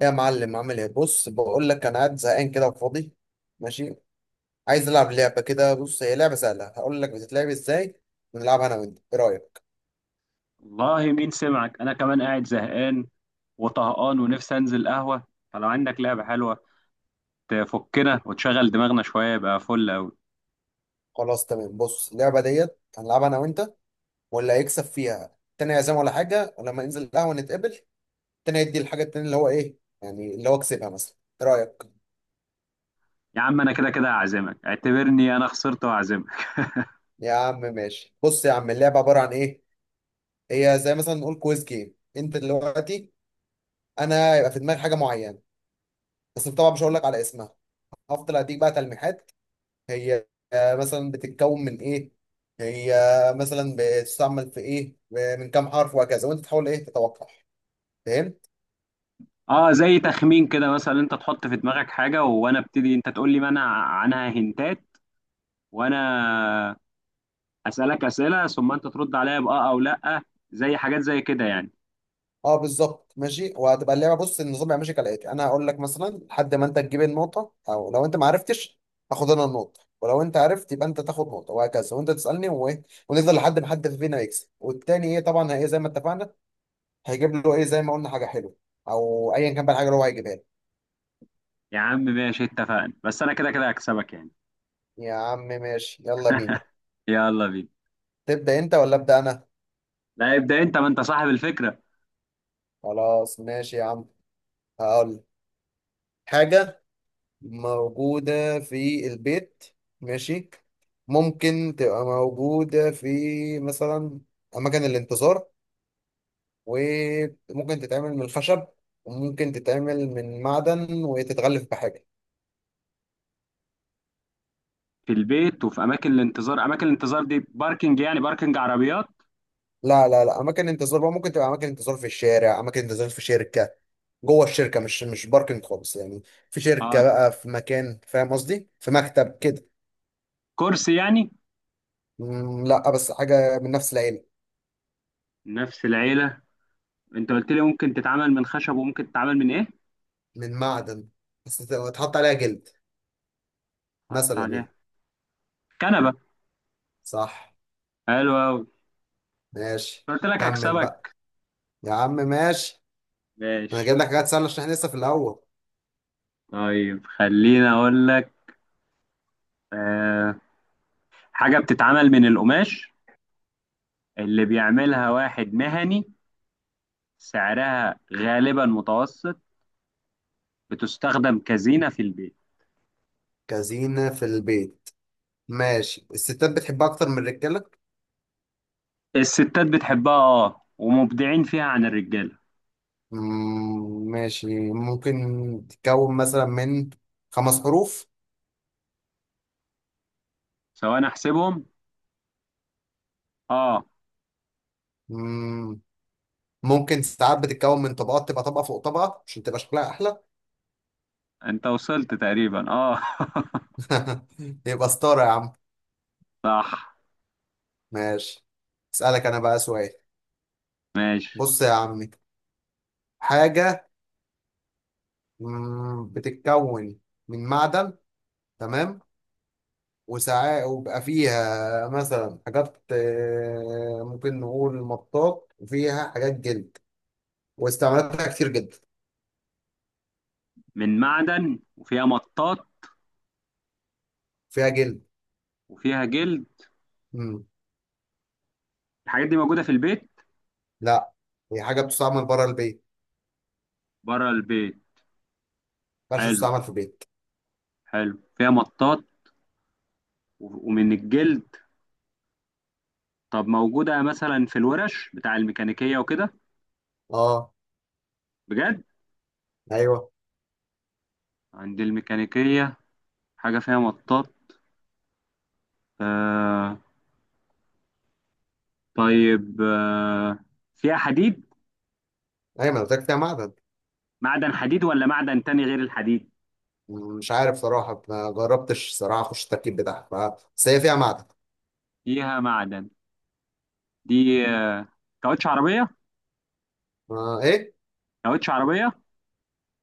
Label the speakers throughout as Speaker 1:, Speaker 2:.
Speaker 1: يا معلم، عامل ايه؟ بص، بقول لك انا قاعد زهقان كده وفاضي. ماشي. عايز العب لعبه كده. بص، هي لعبه سهله، هقول لك بتتلعب ازاي ونلعبها انا وانت. ايه رايك؟
Speaker 2: والله مين سمعك؟ انا كمان قاعد زهقان وطهقان ونفسي انزل قهوه. فلو عندك لعبه حلوه تفكنا وتشغل دماغنا شويه يبقى فل قوي.
Speaker 1: خلاص، تمام. بص، اللعبه ديت هنلعبها انا وانت، واللي هيكسب فيها التاني هيعزم ولا حاجه، ولما ننزل القهوه نتقابل. التاني يدي الحاجه التاني اللي هو ايه يعني، اللي هو كسبها مثلا. ايه رايك؟
Speaker 2: يا عم انا كده كده هعزمك، اعتبرني انا خسرت وهعزمك.
Speaker 1: يا عم ماشي. بص يا عم، اللعبه عباره عن ايه؟ هي زي مثلا نقول كويز جيم. انت دلوقتي انا هيبقى في دماغي حاجه معينه، بس طبعا مش هقول لك على اسمها. هفضل اديك بقى تلميحات. هي، مثلا بتتكون من ايه. هي مثلا بتستعمل في ايه، من كام حرف، وهكذا، وانت تحاول ايه، تتوقع. فهمت؟
Speaker 2: اه، زي تخمين كده، مثلا انت تحط في دماغك حاجه وانا ابتدي انت تقول لي منع عنها هنتات، وانا اسالك اسئله ثم انت ترد عليا باه او لا. زي حاجات زي كده يعني.
Speaker 1: اه بالظبط. ماشي، وهتبقى اللعبه، بص، النظام يبقى ماشي كالاتي: انا هقول لك مثلا لحد ما انت تجيب النقطه، او لو انت ما عرفتش هاخد انا النقطه، ولو انت عرفت يبقى انت تاخد نقطه، وهكذا، وانت تسالني وايه. ونفضل لحد ما حد فينا يكسب، والتاني ايه طبعا، هي زي ما اتفقنا، هيجيب له ايه زي ما قلنا، حاجه حلوه، او ايا كان بقى الحاجه اللي هو هيجيبها لي.
Speaker 2: يا عم ماشي اتفقنا، بس انا كده كده هكسبك يعني.
Speaker 1: يا عم ماشي، يلا بينا.
Speaker 2: يلا بينا.
Speaker 1: تبدا انت ولا ابدا انا؟
Speaker 2: لا، ابدا انت، ما انت صاحب الفكره.
Speaker 1: خلاص ماشي يا عم. هقول حاجة موجودة في البيت. ماشي. ممكن تبقى موجودة في، مثلا، أماكن الانتظار. وممكن تتعمل من الخشب، وممكن تتعمل من معدن وتتغلف بحاجة.
Speaker 2: في البيت وفي اماكن الانتظار. اماكن الانتظار دي باركنج يعني؟ باركنج عربيات؟
Speaker 1: لا لا لا، أماكن انتظار بقى ممكن تبقى أماكن انتظار في الشارع، أماكن انتظار في شركة. جوه الشركة، مش باركنج خالص يعني. في
Speaker 2: اه.
Speaker 1: شركة بقى، في مكان، فاهم قصدي، في مكتب كده.
Speaker 2: كرسي يعني؟
Speaker 1: لا بس حاجة من نفس العيلة.
Speaker 2: نفس العيله. انت قلت لي ممكن تتعمل من خشب وممكن تتعمل من ايه؟
Speaker 1: من معدن، وتحط عليها جلد
Speaker 2: حط
Speaker 1: مثلا
Speaker 2: عليها
Speaker 1: يعني.
Speaker 2: كنبه.
Speaker 1: صح.
Speaker 2: حلو قوي.
Speaker 1: ماشي.
Speaker 2: قلت لك
Speaker 1: كمل بقى.
Speaker 2: هكسبك.
Speaker 1: يا عم ماشي. انا
Speaker 2: ماشي.
Speaker 1: جايب لك حاجات سهله عشان احنا لسه في الاول.
Speaker 2: طيب خليني اقول لك. آه حاجه بتتعمل من القماش، اللي بيعملها واحد مهني، سعرها غالبا متوسط، بتستخدم كزينه في البيت.
Speaker 1: كزينه في البيت؟ ماشي. الستات بتحبها اكتر من الرجاله.
Speaker 2: الستات بتحبها اه ومبدعين فيها عن الرجاله.
Speaker 1: ماشي. ممكن تتكون مثلا من 5 حروف.
Speaker 2: سواء احسبهم اه.
Speaker 1: مم، ممكن ساعات بتتكون من طبقات، تبقى طبقه فوق طبقه عشان تبقى شكلها احلى.
Speaker 2: انت وصلت تقريبا اه.
Speaker 1: يبقى ستاره يا عم.
Speaker 2: صح.
Speaker 1: ماشي. اسالك انا بقى سؤال.
Speaker 2: ماشي.
Speaker 1: بص يا عمي، حاجه، بتتكون من معدن، تمام، وساعات وبقى فيها مثلا حاجات، ممكن نقول مطاط، وفيها حاجات جلد، واستعمالاتها كتير جدا.
Speaker 2: من معدن وفيها مطاط
Speaker 1: فيها جلد.
Speaker 2: وفيها جلد.
Speaker 1: مم.
Speaker 2: الحاجات دي موجودة في البيت؟
Speaker 1: لا، هي حاجة بتستعمل بره البيت.
Speaker 2: بره البيت.
Speaker 1: ما ينفعش
Speaker 2: حلو.
Speaker 1: تستعمل في البيت.
Speaker 2: حلو فيها مطاط ومن الجلد. طب موجودة مثلا في الورش بتاع الميكانيكية وكده؟
Speaker 1: اه.
Speaker 2: بجد؟
Speaker 1: ايوه.
Speaker 2: عند الميكانيكية. حاجة فيها مطاط. آه طيب فيها حديد؟
Speaker 1: ايوه ما أنا قلت لك فيها معدن.
Speaker 2: معدن حديد ولا معدن تاني غير الحديد؟
Speaker 1: مش عارف صراحة، ما جربتش صراحة اخش التركيب بتاعها. بس هي فيها معدن.
Speaker 2: فيها معدن. دي كاوتش عربية.
Speaker 1: آه ايه؟
Speaker 2: كاوتش عربية.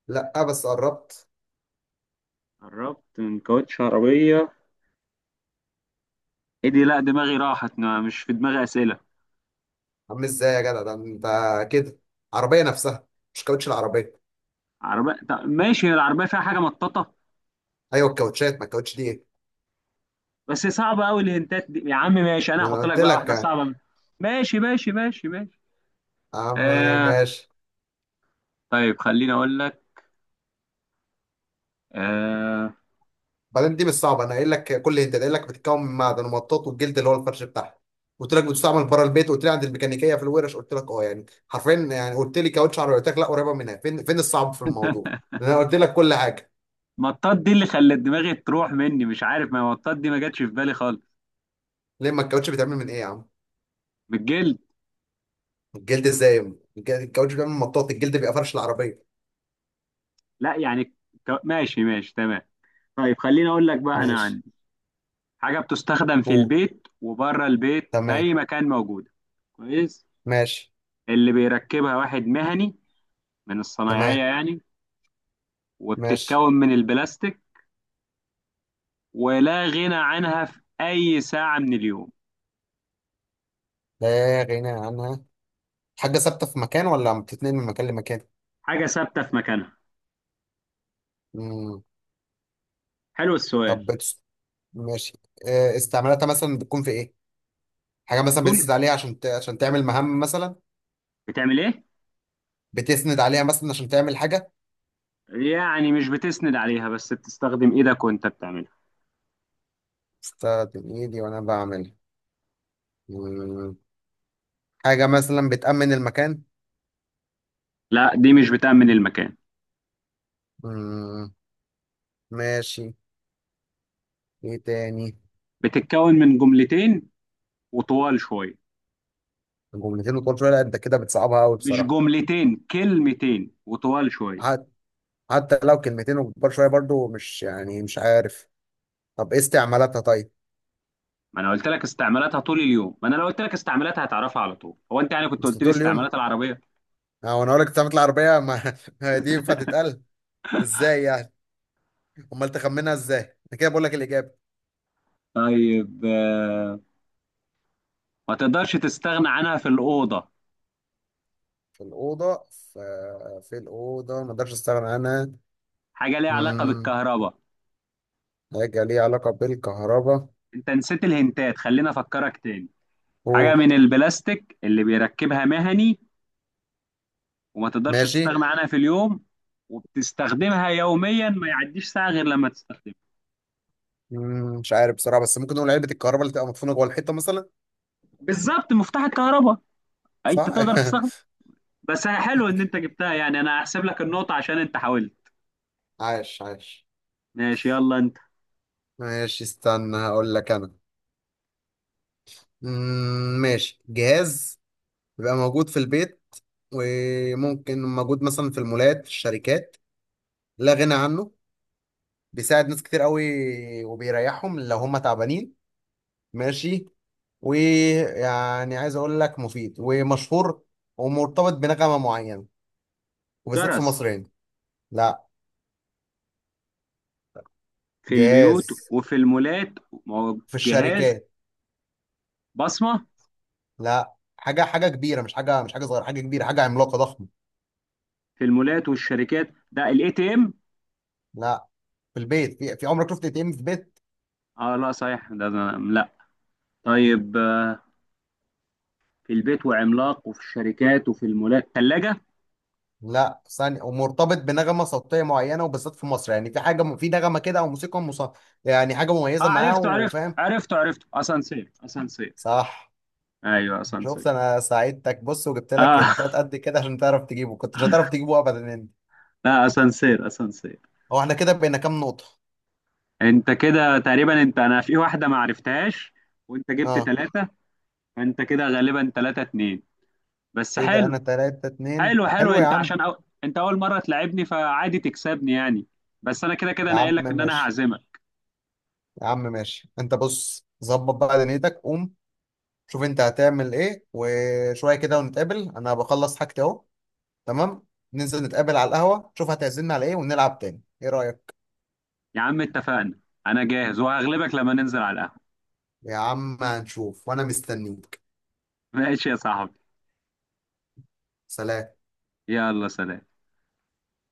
Speaker 1: لا بس قربت.
Speaker 2: قربت من كاوتش عربية. ايه دي؟ لا دماغي راحت، مش في دماغي أسئلة.
Speaker 1: عامل ازاي يا جدع؟ ده انت كده! عربيه نفسها، مش كاوتش العربيه.
Speaker 2: عربية؟ طب ماشي. هي العربية فيها حاجة مطاطة؟
Speaker 1: ايوه الكاوتشات، ما الكاوتش دي ايه؟
Speaker 2: بس صعبة أوي الهنتات دي يا عم. ماشي، أنا
Speaker 1: ما انا
Speaker 2: هحط لك
Speaker 1: قلت
Speaker 2: بقى
Speaker 1: لك
Speaker 2: واحدة
Speaker 1: يا
Speaker 2: صعبة ماشي ماشي ماشي ماشي.
Speaker 1: عم.
Speaker 2: آه.
Speaker 1: ماشي.
Speaker 2: طيب خليني أقول لك. آه
Speaker 1: بعدين دي مش صعبه، انا قايل لك كل، انت قايل لك بتتكون من معدن ومطاط والجلد اللي هو الفرش بتاعها، قلت لك بتستعمل بره البيت، قلت لي عند الميكانيكيه في الورش، قلت لك اه يعني حرفيا، يعني قلت لي كاوتش عربيه قلت لك لا قريبه منها. فين فين الصعب في الموضوع؟ انا قلت لك كل حاجه.
Speaker 2: مطاط دي اللي خلت دماغي تروح مني، مش عارف، ما مطاط دي ما جاتش في بالي خالص.
Speaker 1: ليه؟ ما الكاوتش بيتعمل من ايه يا عم؟
Speaker 2: بالجلد.
Speaker 1: الجلد ازاي؟ الكاوتش بيتعمل من مطاط، الجلد بيبقى فرش العربيه.
Speaker 2: لا يعني ماشي ماشي تمام. طيب خليني أقول لك بقى. أنا
Speaker 1: ماشي.
Speaker 2: عندي حاجة بتستخدم في
Speaker 1: قول.
Speaker 2: البيت وبره البيت، في
Speaker 1: تمام.
Speaker 2: أي مكان موجودة. كويس.
Speaker 1: ماشي.
Speaker 2: اللي بيركبها واحد مهني من
Speaker 1: تمام.
Speaker 2: الصنايعية يعني،
Speaker 1: ماشي.
Speaker 2: وبتتكون من البلاستيك، ولا غنى عنها في أي ساعة من اليوم.
Speaker 1: لا غنى عنها. حاجة ثابتة في مكان ولا بتتنقل من مكان لمكان؟
Speaker 2: حاجة ثابتة في مكانها.
Speaker 1: مم.
Speaker 2: حلو السؤال.
Speaker 1: طب بتس... ماشي. استعمالاتها مثلا بتكون في إيه؟ حاجة مثلا
Speaker 2: طول.
Speaker 1: بتسند عليها عشان عشان تعمل مهام مثلا.
Speaker 2: بتعمل إيه؟
Speaker 1: بتسند عليها مثلا عشان تعمل حاجة.
Speaker 2: يعني مش بتسند عليها بس بتستخدم إيدك وأنت بتعملها.
Speaker 1: استخدم إيدي وأنا بعمل. مم. حاجة مثلا بتأمن المكان.
Speaker 2: لا دي مش بتأمن المكان.
Speaker 1: مم. ماشي. إيه تاني؟
Speaker 2: بتتكون من جملتين وطوال شوية.
Speaker 1: جملتين وطول شوية، لا أنت كده بتصعبها أوي
Speaker 2: مش
Speaker 1: بصراحة.
Speaker 2: جملتين، كلمتين وطوال شوية.
Speaker 1: حت... حتى لو كلمتين وكبار شوية برضو مش، يعني مش عارف. طب إيه استعمالاتها طيب؟
Speaker 2: ما أنا قلت لك استعمالاتها طول اليوم، ما أنا لو قلت لك استعمالاتها هتعرفها على طول، هو أنت يعني كنت
Speaker 1: بس
Speaker 2: قلت لي
Speaker 1: طول اليوم؟
Speaker 2: استعمالات العربية؟
Speaker 1: اه، وانا اقول لك بتعمل العربيه؟ ما ما دي ينفع تتقال ازاي يعني؟ امال تخمنها ازاي؟ انا كده بقول لك الاجابه.
Speaker 2: طيب ما تقدرش تستغنى عنها في الأوضة.
Speaker 1: في الاوضه، في الاوضه ما اقدرش استغنى عنها.
Speaker 2: حاجة ليها علاقة
Speaker 1: امم
Speaker 2: بالكهرباء.
Speaker 1: حاجه ليها علاقه بالكهرباء.
Speaker 2: انت نسيت الهنتات، خلينا افكرك تاني. حاجة
Speaker 1: قول.
Speaker 2: من البلاستيك اللي بيركبها مهني، وما تقدرش
Speaker 1: ماشي.
Speaker 2: تستغنى عنها في اليوم، وبتستخدمها يوميا ما يعديش ساعة غير لما تستخدمها.
Speaker 1: مش عارف بصراحه، بس ممكن نقول علبه الكهرباء اللي تبقى مدفونه جوه الحيطه مثلا.
Speaker 2: بالظبط، مفتاح الكهرباء. أي،
Speaker 1: صح.
Speaker 2: انت تقدر تستخدم. بس حلو ان انت جبتها يعني، انا هحسب لك النقطة عشان انت حاولت.
Speaker 1: عاش عاش.
Speaker 2: ماشي، يلا انت.
Speaker 1: ماشي، استنى هقول لك انا. ماشي. جهاز بيبقى موجود في البيت، وممكن موجود مثلا في المولات، في الشركات. لا غنى عنه. بيساعد ناس كتير قوي، وبيريحهم لو هم تعبانين. ماشي. ويعني عايز اقول لك مفيد ومشهور، ومرتبط بنغمة معينة، وبالذات في
Speaker 2: جرس.
Speaker 1: مصر هنا. لا.
Speaker 2: في البيوت
Speaker 1: جهاز.
Speaker 2: وفي المولات.
Speaker 1: في
Speaker 2: جهاز.
Speaker 1: الشركات.
Speaker 2: بصمة.
Speaker 1: لا، حاجة حاجة كبيرة، مش حاجة، مش حاجة صغيرة، حاجة كبيرة، حاجة عملاقة ضخمة.
Speaker 2: في المولات والشركات ده ATM.
Speaker 1: لا. في البيت، في عمرك شفت ATM في بيت؟
Speaker 2: اه لا صحيح، ده لا. طيب في البيت وعملاق وفي الشركات وفي المولات، ثلاجة.
Speaker 1: لا، ثانية، ومرتبط بنغمة صوتية معينة وبالذات في مصر، يعني في حاجة، في نغمة كده او موسيقى يعني حاجة
Speaker 2: اه
Speaker 1: مميزة معاه،
Speaker 2: عرفته عرفته
Speaker 1: وفاهم.
Speaker 2: عرفته عرفته، اسانسير اسانسير.
Speaker 1: صح.
Speaker 2: ايوه
Speaker 1: شفت
Speaker 2: اسانسير.
Speaker 1: انا ساعدتك؟ بص، وجبت لك
Speaker 2: اه
Speaker 1: هنتات قد كده عشان تعرف تجيبه، كنت مش هتعرف تجيبه ابدا انت.
Speaker 2: لا اسانسير اسانسير.
Speaker 1: هو احنا كده بقينا كام نقطة؟
Speaker 2: انت كده تقريبا، انت انا في واحدة ما عرفتهاش وانت جبت
Speaker 1: اه.
Speaker 2: ثلاثة. فانت كده غالبا 3-2. بس
Speaker 1: كده
Speaker 2: حلو.
Speaker 1: انا 3-2.
Speaker 2: حلو حلو،
Speaker 1: حلو يا
Speaker 2: انت
Speaker 1: عم.
Speaker 2: عشان انت اول مرة تلعبني، فعادي تكسبني يعني. بس انا كده كده
Speaker 1: يا
Speaker 2: انا
Speaker 1: عم
Speaker 2: قايل لك ان انا
Speaker 1: ماشي.
Speaker 2: هعزمك.
Speaker 1: يا عم ماشي. انت بص، ظبط بقى دنيتك، قوم شوف انت هتعمل ايه، وشوية كده ونتقابل. انا بخلص حاجتي اهو. تمام. ننزل نتقابل على القهوة، شوف هتعزمنا على ايه، ونلعب تاني. ايه رأيك؟
Speaker 2: يا عم اتفقنا. انا جاهز وهغلبك لما ننزل على القهوة.
Speaker 1: يا عم هنشوف، وانا مستنيك.
Speaker 2: ماشي يا صاحبي.
Speaker 1: سلام.
Speaker 2: يلا، سلام.